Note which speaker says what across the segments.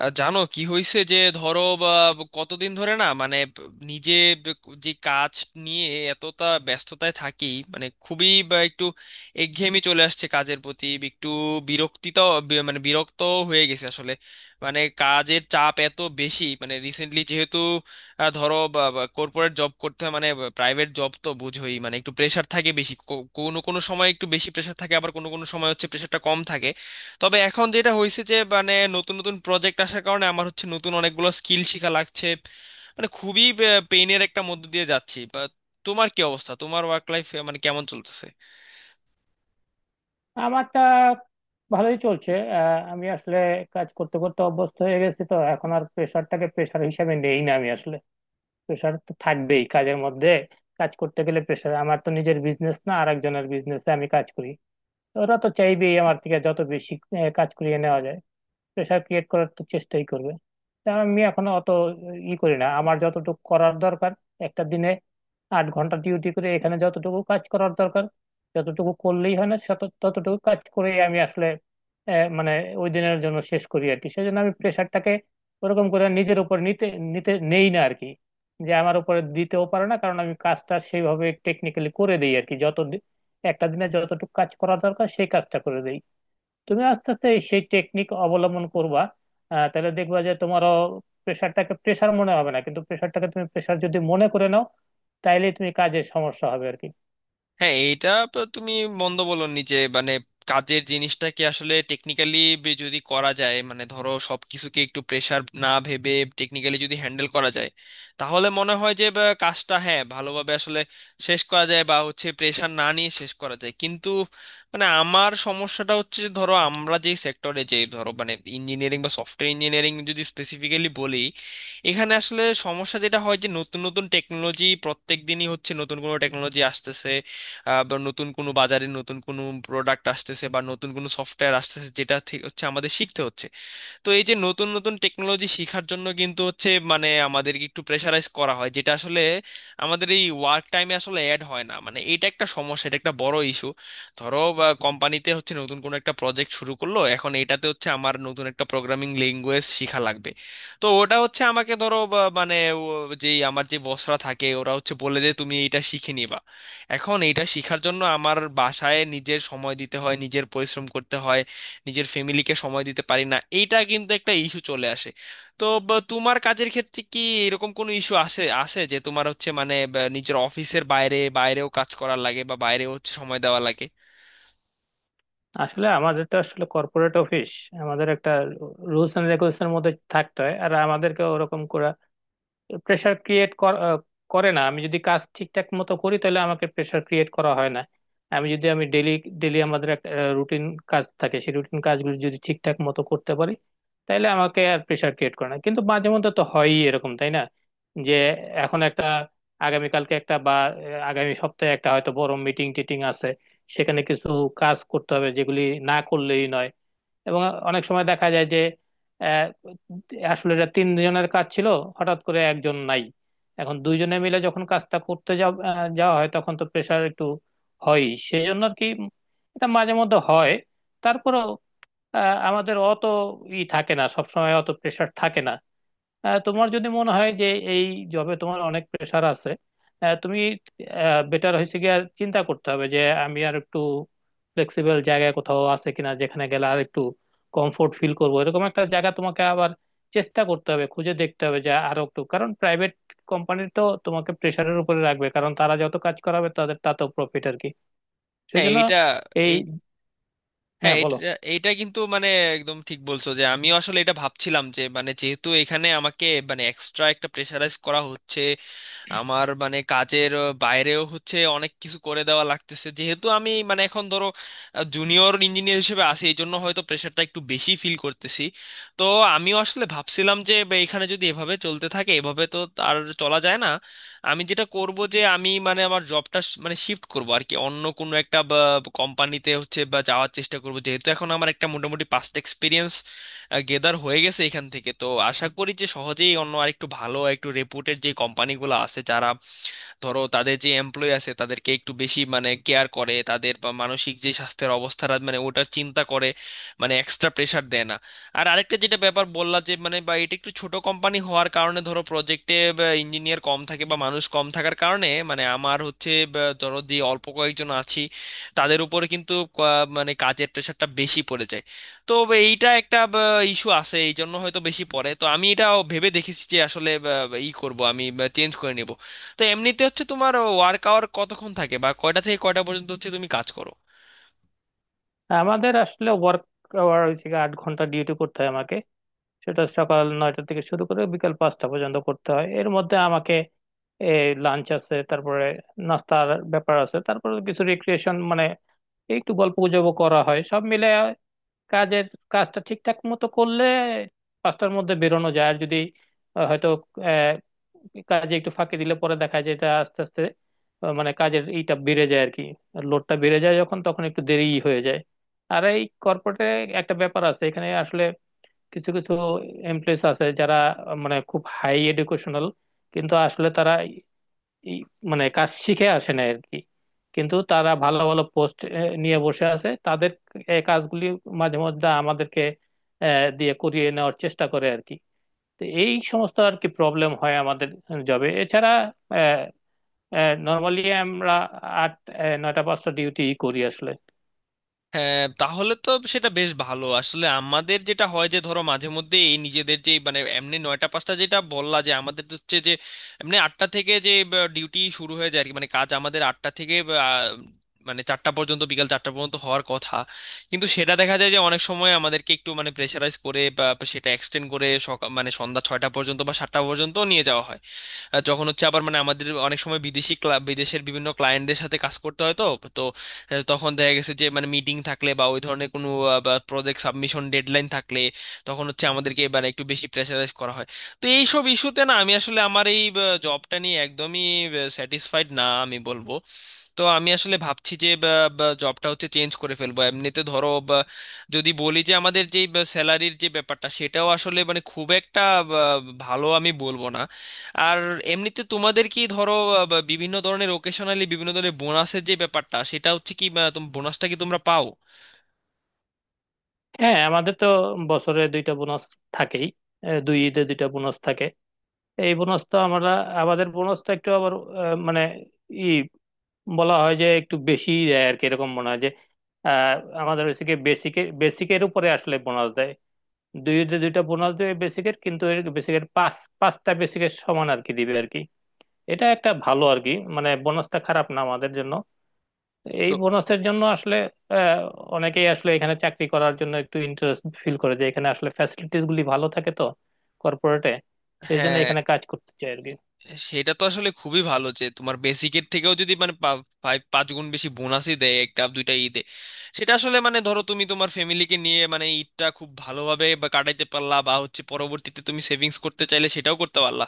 Speaker 1: জানো কি হয়েছে? যে ধরো কতদিন ধরে না মানে নিজে ব- যে কাজ নিয়ে এতটা ব্যস্ততায় থাকি, মানে খুবই একটু একঘেয়েমি চলে আসছে, কাজের প্রতি একটু বিরক্তিতাও মানে বিরক্ত হয়ে গেছে আসলে। মানে কাজের চাপ এত বেশি, মানে রিসেন্টলি যেহেতু ধরো কর্পোরেট জব করতে হয়, মানে প্রাইভেট জব তো বুঝোই, মানে একটু প্রেশার থাকে বেশি, কোনো কোনো সময় একটু বেশি প্রেশার থাকে, আবার কোনো কোনো সময় হচ্ছে প্রেশারটা কম থাকে। তবে এখন যেটা হয়েছে যে মানে নতুন নতুন প্রজেক্ট আসার কারণে আমার হচ্ছে নতুন অনেকগুলো স্কিল শেখা লাগছে, মানে খুবই পেইনের একটা মধ্য দিয়ে যাচ্ছি। তোমার কি অবস্থা? তোমার ওয়ার্ক লাইফ মানে কেমন চলতেছে?
Speaker 2: আমারটা ভালোই চলছে। আমি আসলে কাজ করতে করতে অভ্যস্ত হয়ে গেছি, তো এখন আর প্রেশারটাকে প্রেশার হিসাবে নেই না। আমি আসলে প্রেশার তো থাকবেই কাজের মধ্যে। কাজ করতে গেলে প্রেশার, আমার তো নিজের বিজনেস না, আর একজনের বিজনেসে আমি কাজ করি, তো ওরা তো চাইবেই আমার থেকে যত বেশি কাজ করিয়ে নেওয়া যায়। প্রেশার ক্রিয়েট করার তো চেষ্টাই করবে। তা আমি এখনো অত ই করি না, আমার যতটুকু করার দরকার একটা দিনে 8 ঘন্টা ডিউটি করে এখানে যতটুকু কাজ করার দরকার, যতটুকু করলেই হয় না ততটুকু কাজ করে আমি আসলে মানে ওই দিনের জন্য শেষ করি আর কি। সেজন্য আমি প্রেশারটাকে ওরকম করে নিজের উপর নিতে নিতে নেই না আর কি। যে আমার উপরে দিতেও পারে না, কারণ আমি কাজটা সেইভাবে টেকনিক্যালি করে দিই আর কি। একটা দিনে যতটুকু কাজ করা দরকার সেই কাজটা করে দিই। তুমি আস্তে আস্তে সেই টেকনিক অবলম্বন করবা, তাহলে দেখবা যে তোমারও প্রেশারটাকে প্রেশার মনে হবে না, কিন্তু প্রেশারটাকে তুমি প্রেশার যদি মনে করে নাও তাইলে তুমি কাজে সমস্যা হবে আর কি।
Speaker 1: হ্যাঁ, এইটা তো তুমি মন্দ বলনি যে মানে কাজের জিনিসটাকে আসলে টেকনিক্যালি যদি করা যায়, মানে ধরো সবকিছুকে একটু প্রেসার না ভেবে টেকনিক্যালি যদি হ্যান্ডেল করা যায়, তাহলে মনে হয় যে কাজটা হ্যাঁ ভালোভাবে আসলে শেষ করা যায় বা হচ্ছে প্রেসার না নিয়ে শেষ করা যায়। কিন্তু মানে আমার সমস্যাটা হচ্ছে যে ধরো আমরা যে সেক্টরে, যে ধরো মানে ইঞ্জিনিয়ারিং বা সফটওয়্যার ইঞ্জিনিয়ারিং যদি স্পেসিফিক্যালি বলি, এখানে আসলে সমস্যা যেটা হয় যে নতুন নতুন টেকনোলজি, প্রত্যেক দিনই হচ্ছে নতুন কোনো টেকনোলজি আসতেছে। বা নতুন কোনো বাজারে নতুন কোনো প্রোডাক্ট আসতেছে, বা নতুন কোনো সফটওয়্যার আসতেছে, যেটা থেকে হচ্ছে আমাদের শিখতে হচ্ছে। তো এই যে নতুন নতুন টেকনোলজি শেখার জন্য কিন্তু হচ্ছে মানে আমাদেরকে একটু প্রেশারাইজ করা হয়, যেটা আসলে আমাদের এই ওয়ার্ক টাইমে আসলে অ্যাড হয় না। মানে এটা একটা সমস্যা, এটা একটা বড় ইস্যু। ধরো কোম্পানিতে হচ্ছে নতুন কোনো একটা প্রজেক্ট শুরু করলো, এখন এটাতে হচ্ছে আমার নতুন একটা প্রোগ্রামিং ল্যাঙ্গুয়েজ শেখা লাগবে। তো ওটা হচ্ছে আমাকে ধরো মানে ও- যেই আমার যে বসরা থাকে ওরা হচ্ছে বলে যে তুমি এটা শিখে নিবা। এখন এটা শেখার জন্য আমার বাসায় নিজের সময় দিতে হয়, নিজের পরিশ্রম করতে হয়, নিজের ফ্যামিলিকে সময় দিতে পারি না। এইটা কিন্তু একটা ইস্যু চলে আসে। তো বা তোমার কাজের ক্ষেত্রে কি এরকম কোনো ইস্যু আসে আসে যে তোমার হচ্ছে মানে বা নিজের অফিসের বাইরে বাইরেও কাজ করার লাগে, বা বাইরেও হচ্ছে সময় দেওয়া লাগে?
Speaker 2: আসলে আমাদের তো আসলে কর্পোরেট অফিস, আমাদের একটা রুলস এন্ড রেগুলেশনের মধ্যে থাকতে হয়, আর আমাদেরকে ওরকম করে প্রেশার ক্রিয়েট করে না। আমি যদি কাজ ঠিকঠাক মতো করি তাহলে আমাকে প্রেশার ক্রিয়েট করা হয় না। আমি ডেলি ডেলি আমাদের একটা রুটিন কাজ থাকে, সেই রুটিন কাজগুলো যদি ঠিকঠাক মতো করতে পারি তাহলে আমাকে আর প্রেশার ক্রিয়েট করে না। কিন্তু মাঝে মধ্যে তো হয়ই এরকম, তাই না? যে এখন একটা আগামী সপ্তাহে একটা হয়তো বড় মিটিং টিটিং আছে, সেখানে কিছু কাজ করতে হবে যেগুলি না করলেই নয়। এবং অনেক সময় দেখা যায় যে আহ, আসলে এটা তিনজনের কাজ ছিল, হঠাৎ করে একজন নাই, এখন দুইজনে মিলে যখন কাজটা করতে যাওয়া হয় তখন তো প্রেশার একটু হয়ই, সেই জন্য আর কি। এটা মাঝে মধ্যে হয়। তারপরেও আহ, আমাদের অত ই থাকে না, সবসময় অত প্রেশার থাকে না। তোমার যদি মনে হয় যে এই জবে তোমার অনেক প্রেশার আছে, তুমি বেটার হয়েছে গিয়ে আর চিন্তা করতে হবে যে আমি আর একটু ফ্লেক্সিবল জায়গায় কোথাও আছে কিনা, যেখানে গেলে আর একটু কমফোর্ট ফিল করবো, এরকম একটা জায়গা তোমাকে আবার চেষ্টা করতে হবে, খুঁজে দেখতে হবে যে আরো একটু, কারণ প্রাইভেট কোম্পানি তো তোমাকে প্রেশারের উপরে রাখবে, কারণ তারা যত কাজ করাবে তাদের তাতেও প্রফিট আর কি, সেই
Speaker 1: হ্যাঁ
Speaker 2: জন্য
Speaker 1: এইটা
Speaker 2: এই
Speaker 1: এই
Speaker 2: হ্যাঁ,
Speaker 1: হ্যাঁ এটা
Speaker 2: বলো।
Speaker 1: এইটা কিন্তু মানে একদম ঠিক বলছো যে আমিও আসলে এটা ভাবছিলাম যে মানে যেহেতু এখানে আমাকে মানে এক্সট্রা একটা প্রেশারাইজ করা হচ্ছে, আমার মানে কাজের বাইরেও হচ্ছে অনেক কিছু করে দেওয়া লাগতেছে, যেহেতু আমি মানে এখন ধরো জুনিয়র ইঞ্জিনিয়ার হিসেবে আছি, এই জন্য হয়তো প্রেশারটা একটু বেশি ফিল করতেছি। তো আমিও আসলে ভাবছিলাম যে এখানে যদি এভাবে চলতে থাকে, এভাবে তো আর চলা যায় না। আমি যেটা করব যে আমি মানে আমার জবটা মানে শিফট করব আর কি, অন্য কোনো একটা কোম্পানিতে হচ্ছে বা যাওয়ার চেষ্টা করব, যেহেতু এখন আমার একটা মোটামুটি পাস্ট এক্সপিরিয়েন্স গেদার হয়ে গেছে এখান থেকে। তো আশা করি যে সহজেই অন্য আরেকটু ভালো একটু রেপুটেড যে কোম্পানিগুলো আছে যারা ধরো তাদের যে এমপ্লয়ি আছে তাদেরকে একটু বেশি মানে কেয়ার করে, তাদের বা মানসিক যে স্বাস্থ্যের অবস্থাটা মানে ওটার চিন্তা করে, মানে এক্সট্রা প্রেশার দেয় না। আর আরেকটা যেটা ব্যাপার বললা যে মানে বা এটা একটু ছোট কোম্পানি হওয়ার কারণে ধরো প্রজেক্টে ইঞ্জিনিয়ার কম থাকে বা মানুষ কম থাকার কারণে, মানে আমার হচ্ছে বা ধরো যে অল্প কয়েকজন আছি, তাদের উপরে কিন্তু মানে কাজের প্রেশারটা বেশি পড়ে যায়। তো এইটা একটা ইস্যু আছে, এই জন্য হয়তো বেশি পড়ে। তো আমি এটা ভেবে দেখেছি যে আসলে বা, বা, ই করব, আমি চেঞ্জ করে নিব। তো এমনিতে হচ্ছে তোমার ওয়ার্ক আওয়ার কতক্ষণ থাকে, বা কয়টা থেকে কয়টা পর্যন্ত হচ্ছে তুমি কাজ করো?
Speaker 2: আমাদের আসলে ওয়ার্ক আওয়ার হচ্ছে গিয়ে 8 ঘন্টা ডিউটি করতে হয় আমাকে। সেটা সকাল 9টা থেকে শুরু করে বিকাল 5টা পর্যন্ত করতে হয়। এর মধ্যে আমাকে লাঞ্চ আছে, তারপরে নাস্তার ব্যাপার আছে, তারপরে কিছু রিক্রিয়েশন মানে একটু গল্প গুজব করা হয়। সব মিলে কাজের কাজটা ঠিকঠাক মতো করলে 5টার মধ্যে বেরোনো যায়। আর যদি আহ, হয়তো আহ, কাজে একটু ফাঁকি দিলে পরে দেখা যায় এটা আস্তে আস্তে মানে কাজের এইটা বেড়ে যায় আর কি, লোডটা বেড়ে যায়, যখন তখন একটু দেরিই হয়ে যায়। আর এই কর্পোরেটে একটা ব্যাপার আছে, এখানে আসলে কিছু কিছু এমপ্লয়িজ আছে যারা মানে খুব হাই এডুকেশনাল, কিন্তু আসলে তারা এই মানে কাজ শিখে আসে না আর কি। কিন্তু তারা ভালো ভালো পোস্ট নিয়ে বসে আছে, তাদের এই কাজগুলি মাঝে মধ্যে আমাদেরকে আহ, দিয়ে করিয়ে নেওয়ার চেষ্টা করে আর কি। তো এই সমস্ত আর কি প্রবলেম হয় আমাদের জবে। এছাড়া নর্মালি আমরা আট 9টা-5টা ডিউটি করি আসলে।
Speaker 1: হ্যাঁ, তাহলে তো সেটা বেশ ভালো। আসলে আমাদের যেটা হয় যে ধরো মাঝে মধ্যে এই নিজেদের যে মানে এমনি 9টা 5টা যেটা বললা, যে আমাদের তো হচ্ছে যে এমনি 8টা থেকে যে ডিউটি শুরু হয়ে যায় আর কি, মানে কাজ আমাদের 8টা থেকে আহ, মানে 4টা পর্যন্ত, বিকাল 4টা পর্যন্ত হওয়ার কথা। কিন্তু সেটা দেখা যায় যে অনেক সময় আমাদেরকে একটু মানে প্রেশারাইজ করে বা সেটা এক্সটেন্ড করে সকাল মানে সন্ধ্যা 6টা পর্যন্ত বা 7টা পর্যন্ত নিয়ে যাওয়া হয়। যখন হচ্ছে আবার মানে আমাদের অনেক সময় বিদেশি বিদেশের বিভিন্ন ক্লায়েন্টদের সাথে কাজ করতে হয়, তো তো তখন দেখা গেছে যে মানে মিটিং থাকলে বা ওই ধরনের কোনো প্রজেক্ট সাবমিশন ডেডলাইন থাকলে, তখন হচ্ছে আমাদেরকে এবার একটু বেশি প্রেশারাইজ করা হয়। তো এইসব ইস্যুতে না আমি আসলে আমার এই জবটা নিয়ে একদমই স্যাটিসফাইড না, আমি বলবো। তো আমি আসলে ভাবছি যে জবটা হচ্ছে চেঞ্জ করে ফেলবো। এমনিতে ধরো যদি বলি যে আমাদের যে স্যালারির যে ব্যাপারটা সেটাও আসলে মানে খুব একটা বা, ভালো আমি বলবো না। আর এমনিতে তোমাদের কি ধরো বিভিন্ন ধরনের ওকেশনালি বিভিন্ন ধরনের বোনাসের যে ব্যাপারটা সেটা হচ্ছে কি বোনাসটা কি তোমরা পাও?
Speaker 2: হ্যাঁ, আমাদের তো বছরে দুইটা বোনাস থাকেই, দুই ঈদে দুইটা বোনাস থাকে। এই বোনস তো আমরা আমাদের বোনস তো একটু আবার মানে ই বলা হয় যে একটু বেশি দেয় আর কি, এরকম মনে হয় যে আহ, আমাদের ওইদিকে বেসিকের উপরে আসলে বোনাস দেয়। দুইটা বোনাস দেবে বেসিকের, কিন্তু বেসিকের পাঁচটা বেসিকের সমান আর কি দিবে আর কি। এটা একটা ভালো আর কি, মানে বোনাসটা খারাপ না আমাদের জন্য। এই
Speaker 1: তো
Speaker 2: বোনাসের জন্য আসলে আহ, অনেকেই আসলে এখানে চাকরি করার জন্য একটু ইন্টারেস্ট ফিল করে, যে এখানে আসলে ফ্যাসিলিটিস গুলি ভালো থাকে তো কর্পোরেটে, সেই জন্য
Speaker 1: হ্যাঁ,
Speaker 2: এখানে কাজ করতে চায় আর কি।
Speaker 1: সেটা তো আসলে খুবই ভালো যে তোমার বেসিকের থেকেও যদি মানে পাঁচ পাঁচ গুণ বেশি বোনাসই দেয় একটা 2টা ঈদে। সেটা আসলে মানে ধরো তুমি তোমার ফ্যামিলিকে নিয়ে মানে ঈদটা খুব ভালোভাবে বা কাটাইতে পারলা, বা হচ্ছে পরবর্তীতে তুমি সেভিংস করতে চাইলে সেটাও করতে পারলা।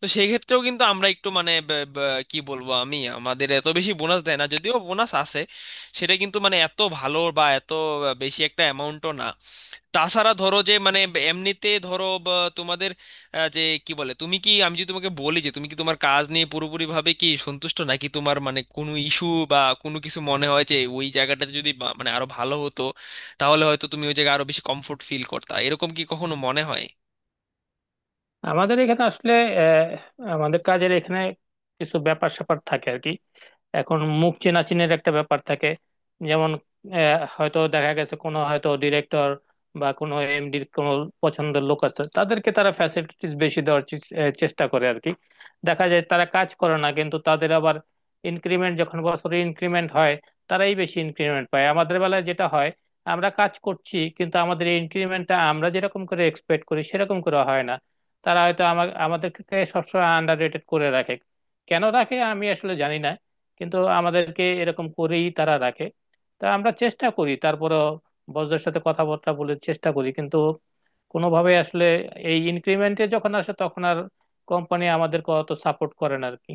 Speaker 1: তো সেই ক্ষেত্রেও কিন্তু আমরা একটু মানে কি বলবো, আমি, আমাদের এত বেশি বোনাস দেয় না, যদিও বোনাস আছে, সেটা কিন্তু মানে এত ভালো বা এত বেশি একটা অ্যামাউন্টও না। তাছাড়া ধরো যে মানে এমনিতে ধরো বা তোমাদের যে কি বলে, তুমি কি, আমি যদি তোমাকে বলি যে তুমি কি তোমার কাজ নিয়ে পুরোপুরি ভাবে কি সন্তুষ্ট, নাকি তোমার মানে কোনো ইস্যু বা কোনো কিছু মনে হয় যে ওই জায়গাটাতে যদি মানে আরো ভালো হতো, তাহলে হয়তো তুমি ওই জায়গায় আরো বেশি কমফোর্ট ফিল করতা? এরকম কি কখনো মনে হয়?
Speaker 2: আমাদের এখানে আসলে আহ, আমাদের কাজের এখানে কিছু ব্যাপার স্যাপার থাকে আর কি। এখন মুখ চেনাচিনের একটা ব্যাপার থাকে। যেমন হয়তো দেখা গেছে কোনো হয়তো ডিরেক্টর বা কোনো এমডির কোনো পছন্দের লোক আছে, তাদেরকে তারা ফ্যাসিলিটিস বেশি দেওয়ার চেষ্টা করে আর কি। দেখা যায় তারা কাজ করে না, কিন্তু তাদের আবার ইনক্রিমেন্ট, যখন বছরে ইনক্রিমেন্ট হয় তারাই বেশি ইনক্রিমেন্ট পায়। আমাদের বেলায় যেটা হয়, আমরা কাজ করছি কিন্তু আমাদের ইনক্রিমেন্টটা আমরা যেরকম করে এক্সপেক্ট করি সেরকম করে হয় না। তারা হয়তো আমাদেরকে সবসময় আন্ডার রেটেড করে রাখে। কেন রাখে আমি আসলে জানি না, কিন্তু আমাদেরকে এরকম করেই তারা রাখে। তা আমরা চেষ্টা করি, তারপরে বসদের সাথে কথাবার্তা বলে চেষ্টা করি, কিন্তু কোনোভাবে আসলে এই ইনক্রিমেন্টে যখন আসে তখন আর কোম্পানি আমাদেরকে অত সাপোর্ট করে না আর কি।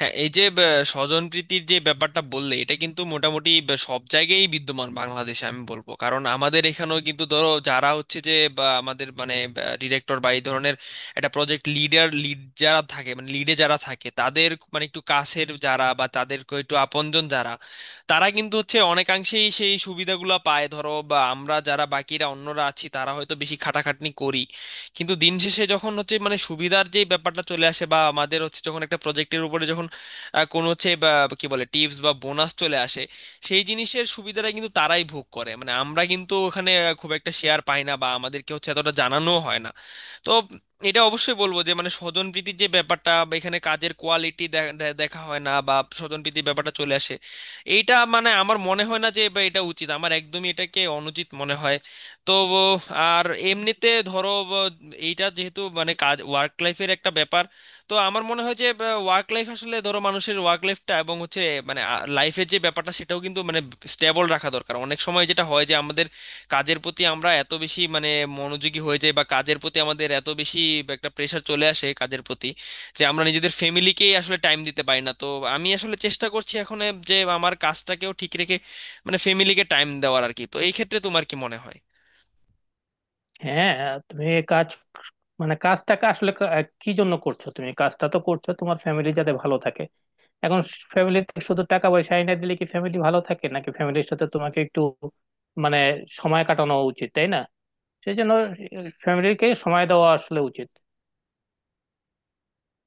Speaker 1: হ্যাঁ, এই যে স্বজনপ্রীতির যে ব্যাপারটা বললে, এটা কিন্তু মোটামুটি সব জায়গায় বিদ্যমান বাংলাদেশে, আমি বলবো। কারণ আমাদের এখানেও কিন্তু ধরো যারা হচ্ছে যে বা আমাদের মানে ডিরেক্টর বা এই ধরনের একটা প্রজেক্ট লিডার, লিড যারা থাকে মানে লিডে যারা থাকে তাদের মানে একটু কাছের যারা, বা তাদের একটু আপনজন যারা, তারা কিন্তু হচ্ছে অনেকাংশেই সেই সুবিধাগুলো পায়। ধরো বা আমরা যারা বাকিরা অন্যরা আছি, তারা হয়তো বেশি খাটাখাটনি করি, কিন্তু দিন শেষে যখন হচ্ছে মানে সুবিধার যে ব্যাপারটা চলে আসে, বা আমাদের হচ্ছে যখন একটা প্রজেক্টের উপরে যখন কোনো হচ্ছে বা কি বলে টিপস বা বোনাস চলে আসে, সেই জিনিসের সুবিধাটা কিন্তু তারাই ভোগ করে। মানে আমরা কিন্তু ওখানে খুব একটা শেয়ার পাই না বা আমাদেরকে হচ্ছে এতটা জানানো হয় না। তো এটা অবশ্যই বলবো যে মানে স্বজনপ্রীতির যে ব্যাপারটা, বা এখানে কাজের কোয়ালিটি দেখা হয় না, বা স্বজনপ্রীতির ব্যাপারটা চলে আসে, এইটা মানে আমার মনে হয় না যে বা এটা উচিত, আমার একদমই এটাকে অনুচিত মনে হয়। তো আর এমনিতে ধরো এইটা যেহেতু মানে কাজ ওয়ার্ক লাইফের একটা ব্যাপার, তো আমার মনে হয় যে ওয়ার্ক লাইফ আসলে ধরো, মানুষের ওয়ার্ক লাইফটা এবং হচ্ছে মানে লাইফের যে ব্যাপারটা সেটাও কিন্তু মানে স্টেবল রাখা দরকার। অনেক সময় যেটা হয় যে আমাদের কাজের প্রতি আমরা এত বেশি মানে মনোযোগী হয়ে যাই, বা কাজের প্রতি আমাদের এত বেশি একটা প্রেশার চলে আসে কাজের প্রতি, যে আমরা নিজেদের ফ্যামিলিকেই আসলে টাইম দিতে পারি না। তো আমি আসলে চেষ্টা করছি এখন এ যে আমার কাজটাকেও ঠিক রেখে মানে ফ্যামিলিকে টাইম দেওয়ার আর কি। তো এই ক্ষেত্রে তোমার কি মনে হয়?
Speaker 2: হ্যাঁ, তুমি এই কাজ মানে কাজটাকে আসলে কি জন্য করছো? তুমি কাজটা তো করছো তোমার ফ্যামিলি যাতে ভালো থাকে। এখন ফ্যামিলিতে শুধু টাকা পয়সা এনে দিলে কি ফ্যামিলি ভালো থাকে, নাকি ফ্যামিলির সাথে তোমাকে একটু মানে সময় কাটানো উচিত? তাই না? সেই জন্য ফ্যামিলিকে সময় দেওয়া আসলে উচিত।